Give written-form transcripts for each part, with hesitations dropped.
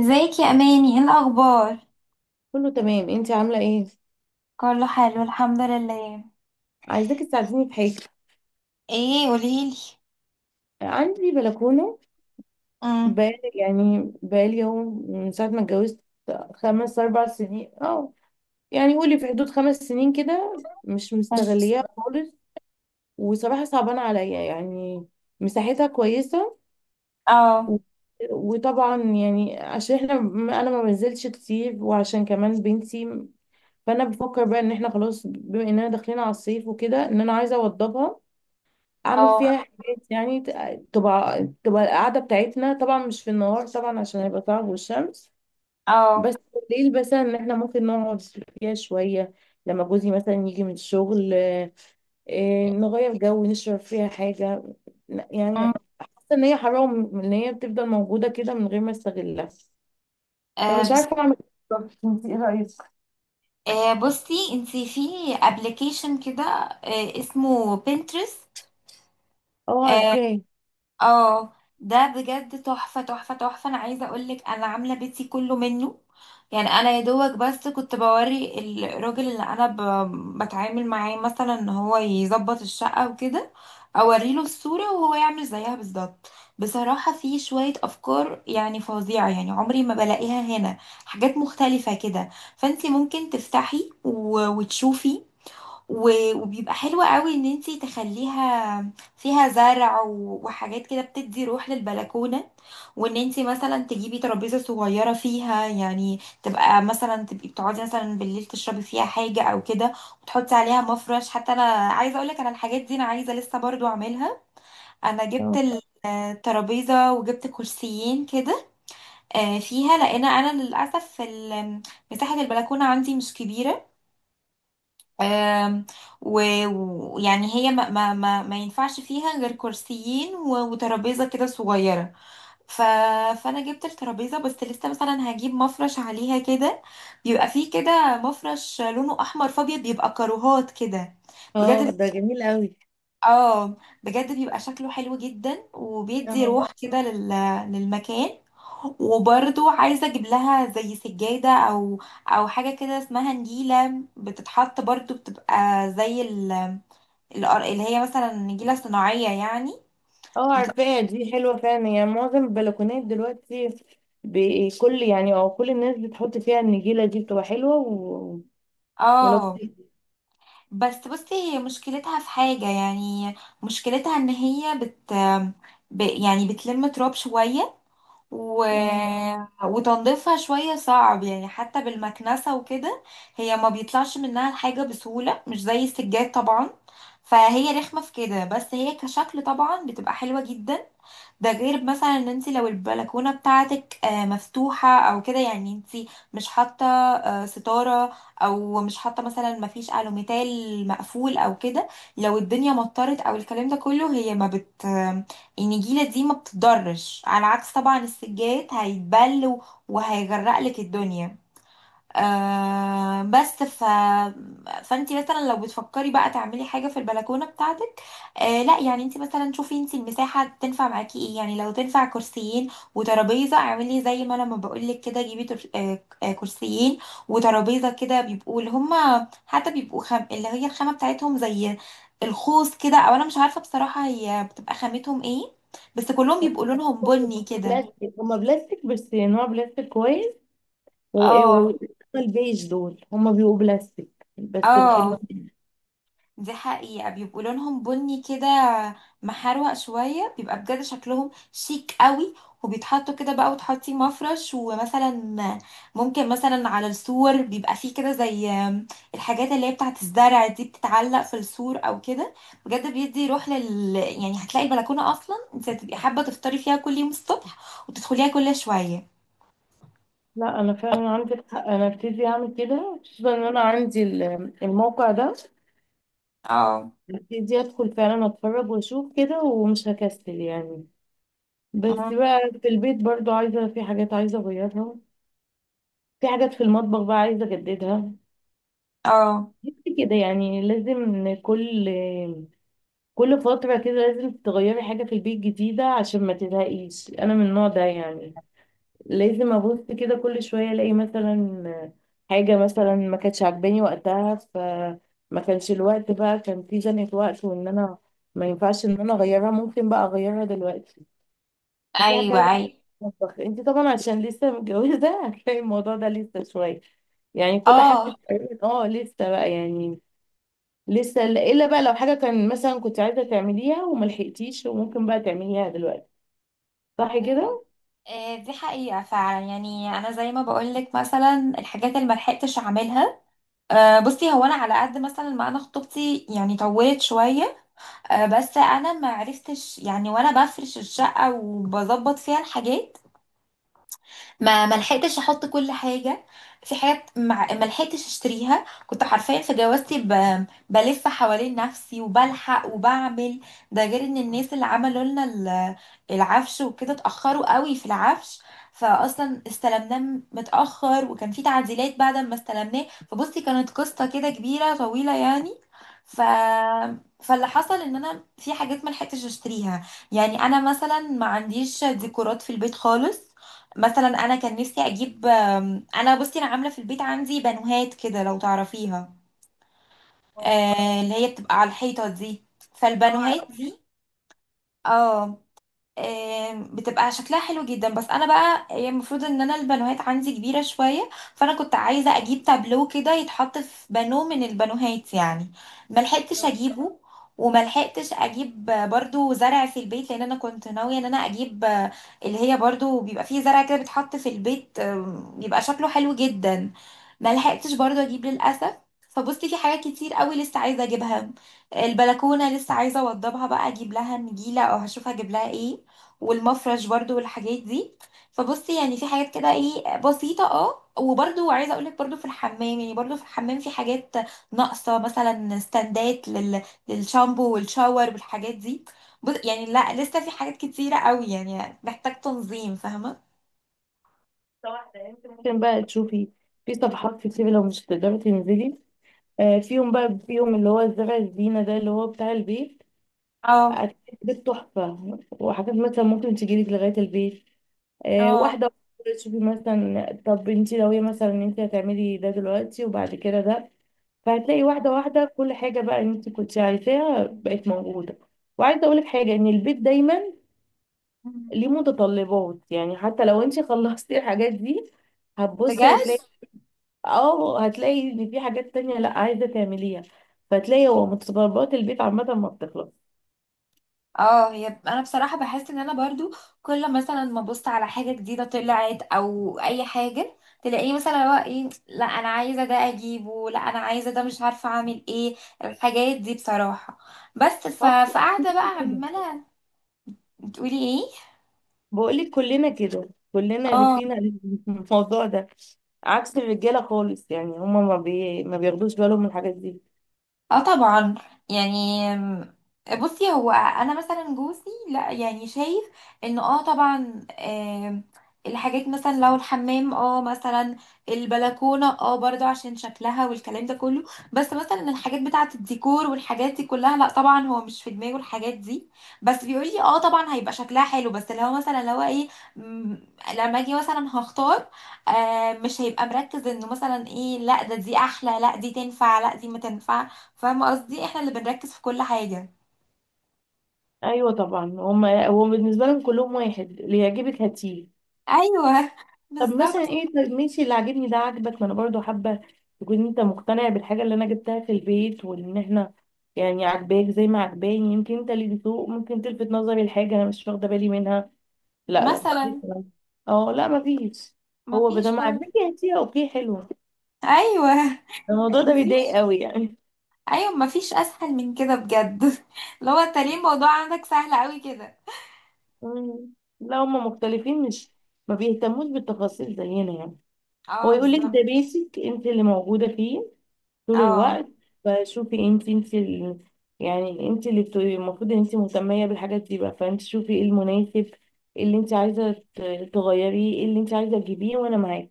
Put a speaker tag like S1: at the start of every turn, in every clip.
S1: ازيك يا اماني؟ ايه الاخبار؟
S2: كله تمام، انت عامله ايه؟
S1: كله حلو الحمد لله.
S2: عايزاك تساعديني في حاجه.
S1: ايه؟ قوليلي.
S2: عندي بلكونه.
S1: امم
S2: بقالي يعني بقالي يوم من ساعه ما اتجوزت، خمس، اربع سنين، اه. يعني قولي في حدود 5 سنين كده. مش مستغليها خالص. وصراحه صعبانه عليا يعني. مساحتها كويسه
S1: اه.
S2: و- وطبعا يعني عشان احنا انا ما بنزلش كتير وعشان كمان بنتي. فانا بفكر بقى ان احنا خلاص، بما اننا داخلين على الصيف وكده، ان انا عايزه اوضبها، اعمل
S1: اه.
S2: فيها حاجات، يعني تبقى القعده بتاعتنا، طبعا مش في النهار، طبعا عشان هيبقى صعب والشمس، بس
S1: اه.
S2: بالليل مثلا ان احنا ممكن نقعد فيها شويه، لما جوزي مثلا يجي من الشغل، نغير جو نشرب فيها حاجه. يعني
S1: أمم.
S2: حاسه ان هي حرام، ان هي بتفضل موجوده كده من غير ما استغلها.
S1: آه،
S2: فمش
S1: بس.
S2: عارفه اعمل إيه بالظبط. انت ايه رايك؟
S1: آه، بصي انتي في ابلكيشن كده، آه, اسمه بنترست.
S2: اه، عارفاه.
S1: اه، ده بجد تحفة. انا عايزة اقولك انا عاملة بيتي كله منه. يعني انا يا دوبك بس كنت بوري الراجل اللي بتعامل معاه، مثلا ان هو يظبط الشقة وكده، اوريله الصورة وهو يعمل زيها بالظبط. بصراحة في شوية افكار يعني فظيعة، يعني عمري ما بلاقيها هنا، حاجات مختلفة كده. فانتي ممكن وتشوفي. وبيبقى حلو قوي ان انتي تخليها فيها زرع، وحاجات كده بتدي روح للبلكونة. وان انتي مثلا تجيبي ترابيزة صغيرة فيها، يعني تبقى مثلا بتقعدي مثلا بالليل تشربي فيها حاجة او كده، وتحطي عليها مفرش. حتى انا عايزة اقولك انا الحاجات دي انا عايزة لسه برضو اعملها. انا جبت
S2: اه.
S1: ترابيزة، وجبت كرسيين كده، فيها. لان انا للاسف مساحة البلكونة عندي مش كبيرة. آم، ويعني هي ما ينفعش فيها غير كرسيين وترابيزة كده صغيرة. ف... فأنا جبت الترابيزة، بس لسه مثلا هجيب مفرش عليها كده، بيبقى فيه كده مفرش لونه أحمر فأبيض، بيبقى كاروهات كده. بجد.
S2: اه، ده جميل قوي.
S1: اه. بجد بيبقى شكله حلو جدا، وبيدي روح كده للمكان. وبرضو عايزة اجيب لها زي سجادة او او حاجة كده اسمها نجيلة، بتتحط برضو، بتبقى زي اللي هي مثلا نجيلة صناعية يعني.
S2: اه،
S1: بت...
S2: عارفاها، دي حلوة فعلا، يعني معظم البلكونات دلوقتي بكل يعني او كل الناس بتحط فيها النجيلة دي، بتبقى حلوة
S1: اه.
S2: ولطيفة.
S1: بس بصي هي مشكلتها في حاجة يعني، مشكلتها ان هي يعني بتلم تراب شوية، و...
S2: اه.
S1: وتنظيفها شوية صعب يعني، حتى بالمكنسة وكده هي ما بيطلعش منها الحاجة بسهولة، مش زي السجاد طبعا. فهي رخمة في كده، بس هي كشكل طبعا بتبقى حلوة جدا. ده غير مثلا ان انت لو البلكونه بتاعتك آه، مفتوحه او كده، يعني انت مش حاطه آه، ستاره، او مش حاطه مثلا، مفيش الوميتال مقفول او كده، لو الدنيا مطرت او الكلام ده كله، هي ما بت آه، النجيله دي ما بتضرش. على عكس طبعا السجاد، هيتبل وهيغرقلك الدنيا. آه. بس فانت مثلا لو بتفكري بقى تعملي حاجه في البلكونه بتاعتك، آه لا يعني انت مثلا شوفي انت المساحه تنفع معاكي ايه. يعني لو تنفع كرسيين وترابيزه اعملي، زي ما لما بقول لك كده، جيبي تر... آه آه، كرسيين وترابيزه كده، بيبقوا اللي هما حتى بيبقوا اللي هي الخامه بتاعتهم زي الخوص كده، او انا مش عارفه بصراحه هي بتبقى خامتهم ايه، بس كلهم بيبقوا لونهم بني كده.
S2: هما بلاستيك بس نوع بلاستيك كويس. و... إيه،
S1: اه.
S2: و... البيج دول هما بيبقوا بلاستيك بس
S1: اه،
S2: حلوين.
S1: دي حقيقة، بيبقوا لونهم بني كده محروق شوية، بيبقى بجد شكلهم شيك قوي. وبيتحطوا كده بقى، وتحطي مفرش، ومثلا ممكن مثلا على السور بيبقى فيه كده زي الحاجات اللي هي بتاعت الزرع دي، بتتعلق في السور او كده. بجد بيدي روح لل، يعني هتلاقي البلكونة اصلا انت هتبقي حابة تفطري فيها كل يوم الصبح، وتدخليها كل شوية.
S2: لا، انا فعلا عندك حق، انا ابتدي اعمل كده، خصوصا ان انا عندي الموقع ده،
S1: اه.
S2: ابتدي ادخل فعلا اتفرج واشوف كده ومش هكسل يعني. بس بقى في البيت برضو، عايزة في حاجات عايزة أغيرها، في حاجات في المطبخ بقى عايزة أجددها.
S1: اه.
S2: بس كده يعني، لازم كل فترة كده لازم تغيري حاجة في البيت جديدة عشان ما تزهقيش. أنا من النوع ده يعني، لازم أبص كده كل شوية، ألاقي مثلا حاجة مثلا ما كانتش عجباني وقتها، فما كانش الوقت بقى، كان في زنقة وقت، وإن أنا ما ينفعش إن أنا أغيرها، ممكن بقى أغيرها دلوقتي. ففيها
S1: ايوه
S2: كذا
S1: ايوه.
S2: مطبخ. انت طبعا عشان لسه متجوزة هتلاقي الموضوع ده لسه شوية، يعني كل حاجة
S1: اه.
S2: بتتعمل، اه لسه بقى يعني، لسه الا بقى لو حاجة كان مثلا كنت عايزة تعمليها وملحقتيش، وممكن بقى تعمليها دلوقتي، صح كده؟
S1: آه، دي حقيقة فعلا. يعني أنا زي ما بقولك، مثلا الحاجات اللي ملحقتش أعملها، آه، بصي هو أنا على قد مثلا ما أنا خطوبتي يعني طولت شوية، آه، بس أنا ما عرفتش يعني وأنا بفرش الشقة وبظبط فيها الحاجات ما لحقتش احط كل حاجه. في حاجات ما لحقتش اشتريها، كنت حرفيا في جوازتي بلف حوالين نفسي وبلحق وبعمل. ده غير ان الناس اللي عملوا لنا العفش وكده اتاخروا قوي في العفش، فاصلا استلمناه متاخر، وكان في تعديلات بعد ما استلمناه. فبصي كانت قصه كده كبيره طويله يعني. ف فاللي حصل ان انا في حاجات ما لحقتش اشتريها. يعني انا مثلا ما عنديش ديكورات في البيت خالص. مثلا انا كان نفسي اجيب آم، انا بصي انا عامله في البيت عندي بانوهات كده لو تعرفيها،
S2: اه،
S1: آه، اللي هي بتبقى على الحيطه دي.
S2: طبعاً.
S1: فالبانوهات دي اه آم، بتبقى شكلها حلو جدا. بس انا بقى هي المفروض ان انا البانوهات عندي كبيره شويه، فانا كنت عايزه اجيب تابلو كده يتحط في بانو من البانوهات يعني. ملحقتش اجيبه. وملحقتش اجيب برضو زرع في البيت، لان انا كنت ناويه ان انا اجيب آه، اللي هي برضو بيبقى فيه زرع كده بيتحط في البيت آم، بيبقى شكله حلو جدا. ملحقتش برضو اجيب للاسف. فبصي في حاجات كتير قوي لسه عايزه اجيبها. البلكونه لسه عايزه اوضبها بقى، اجيب لها نجيله او هشوف هجيب لها ايه، والمفرش برضو والحاجات دي. فبصي يعني في حاجات كده ايه بسيطة. اه، وبرضو عايزة اقولك، برضو في الحمام، يعني برضو في الحمام في حاجات ناقصة، مثلا ستاندات للشامبو والشاور والحاجات دي. بص يعني لا، لسه في حاجات كتيرة قوي يعني، محتاج تنظيم، فاهمة.
S2: طبعاً. انت ممكن بقى تشوفي في صفحات كتير، لو مش هتقدري تنزلي فيهم اللي هو الزرع الزينة ده اللي هو بتاع البيت،
S1: اه.
S2: أكلت بيت تحفة، وحاجات مثلا ممكن تجيلك لغاية البيت.
S1: اه.
S2: واحدة تشوفي مثلا، طب انت لو هي مثلا ان انت هتعملي ده دلوقتي وبعد كده ده، فهتلاقي واحدة واحدة كل حاجة بقى انت كنت عايزاها بقت موجودة. وعايزة اقولك حاجة، ان البيت دايما ليه متطلبات، يعني حتى لو انت خلصتي الحاجات دي، هتبصي
S1: بجد.
S2: هتلاقي، اه، هتلاقي ان في حاجات تانية لا عايزة تعمليها، فتلاقي هو متطلبات البيت عامة ما بتخلص.
S1: اه، هي انا بصراحه بحس ان انا برضو كل مثلا ما ابص على حاجه جديده طلعت او اي حاجه، تلاقيه مثلا هو ايه، لا انا عايزه ده اجيبه، لا انا عايزه ده، مش عارفه اعمل ايه الحاجات دي بصراحه. بس
S2: اه،
S1: فقاعده بقى عماله. بتقولي ايه؟
S2: بقولك كلنا كده، كلنا اللي
S1: اه.
S2: فينا الموضوع ده، عكس الرجاله خالص، يعني هما ما بياخدوش بالهم من الحاجات دي.
S1: اه طبعا. يعني أم، بصي هو انا مثلا جوزي لا يعني شايف انه اه طبعا آم، الحاجات مثلا لو الحمام اه مثلا، البلكونه اه برضو عشان شكلها والكلام ده كله، بس مثلا الحاجات بتاعه الديكور والحاجات دي كلها لا طبعا هو مش في دماغه الحاجات دي. بس بيقول لي اه طبعا هيبقى شكلها حلو، بس اللي هو مثلا لو ايه مم، لما اجي مثلا هختار آه مش هيبقى مركز انه مثلا ايه، لا ده، دي احلى، لا دي تنفع، لا دي ما تنفعش. فاهمة قصدي، احنا اللي بنركز في كل حاجة.
S2: ايوه طبعا، هو بالنسبه لهم كلهم واحد، اللي يعجبك هاتيه.
S1: ايوه،
S2: طب مثلا
S1: بالظبط.
S2: ايه، طب ماشي، اللي عاجبني ده عاجبك، ما انا برضو حابه تكون انت مقتنع بالحاجه اللي انا جبتها في البيت، وان احنا يعني عاجباك زي ما عجباني، يمكن انت اللي بتسوق ممكن تلفت نظري لحاجه انا مش واخده بالي منها. لا لا، مفيش
S1: مثلا،
S2: الكلام ده. اه، لا، مفيش. هو بدل
S1: مفيش
S2: ما
S1: خالص.
S2: عجبك هاتيه، اوكي حلو،
S1: ايوه
S2: الموضوع ده بيضايق
S1: مفيش.
S2: قوي يعني.
S1: ايوه مفيش اسهل من كده بجد. لو انت ليه الموضوع عندك سهل قوي كده؟
S2: مم. لا، هم مختلفين، مش ما بيهتموش بالتفاصيل زينا يعني. هو
S1: اه
S2: يقول لك
S1: بالظبط.
S2: ده بيسك انت اللي موجوده فيه طول الوقت،
S1: اه.
S2: فشوفي انت اللي يعني، انت اللي المفروض ان انت مهتميه بالحاجات دي بقى، فانت شوفي ايه المناسب، إيه اللي انت عايزه تغيريه، إيه اللي انت عايزه تجيبيه، وانا معاكي.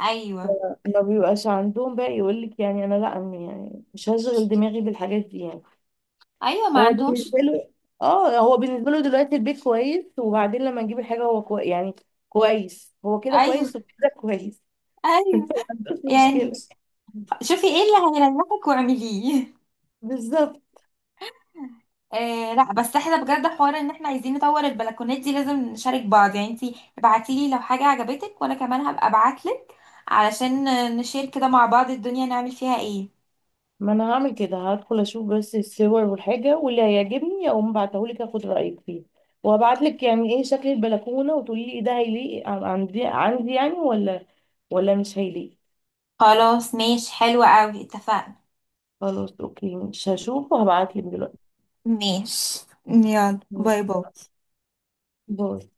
S1: ايوه
S2: ما بيبقاش عندهم بقى يقول لك يعني انا، لا أنا يعني مش هشغل دماغي بالحاجات دي يعني.
S1: ايوه. ما
S2: هو
S1: عندهمش.
S2: بالنسبه له، اه هو بالنسبه له دلوقتي البيت كويس، وبعدين لما نجيب الحاجه هو يعني كويس، هو كده
S1: ايوه.
S2: كويس وكده كويس
S1: ايوه.
S2: ما عندوش
S1: يعني
S2: مشكله.
S1: شوفي ايه اللي هيريحك واعمليه.
S2: بالظبط،
S1: آه لا، بس احنا بجد حوار ان احنا عايزين نطور البلكونات دي لازم نشارك بعض، يعني انتي ابعتيلي لو حاجة عجبتك، وانا كمان هبقى ابعتلك، علشان نشير كده مع بعض الدنيا نعمل فيها ايه.
S2: ما انا هعمل كده، هدخل اشوف بس الصور والحاجه، واللي هيعجبني اقوم بعتهولك اخد رايك فيه، وابعت لك يعني ايه شكل البلكونه، وتقولي لي ده هيليق عندي يعني ولا، ولا مش هيليق.
S1: خلاص ماشي، حلوة قوي، اتفقنا.
S2: خلاص اوكي، مش هشوف وهبعت لك دلوقتي.
S1: ماشي يلا، باي
S2: ماشي.
S1: باي.
S2: باي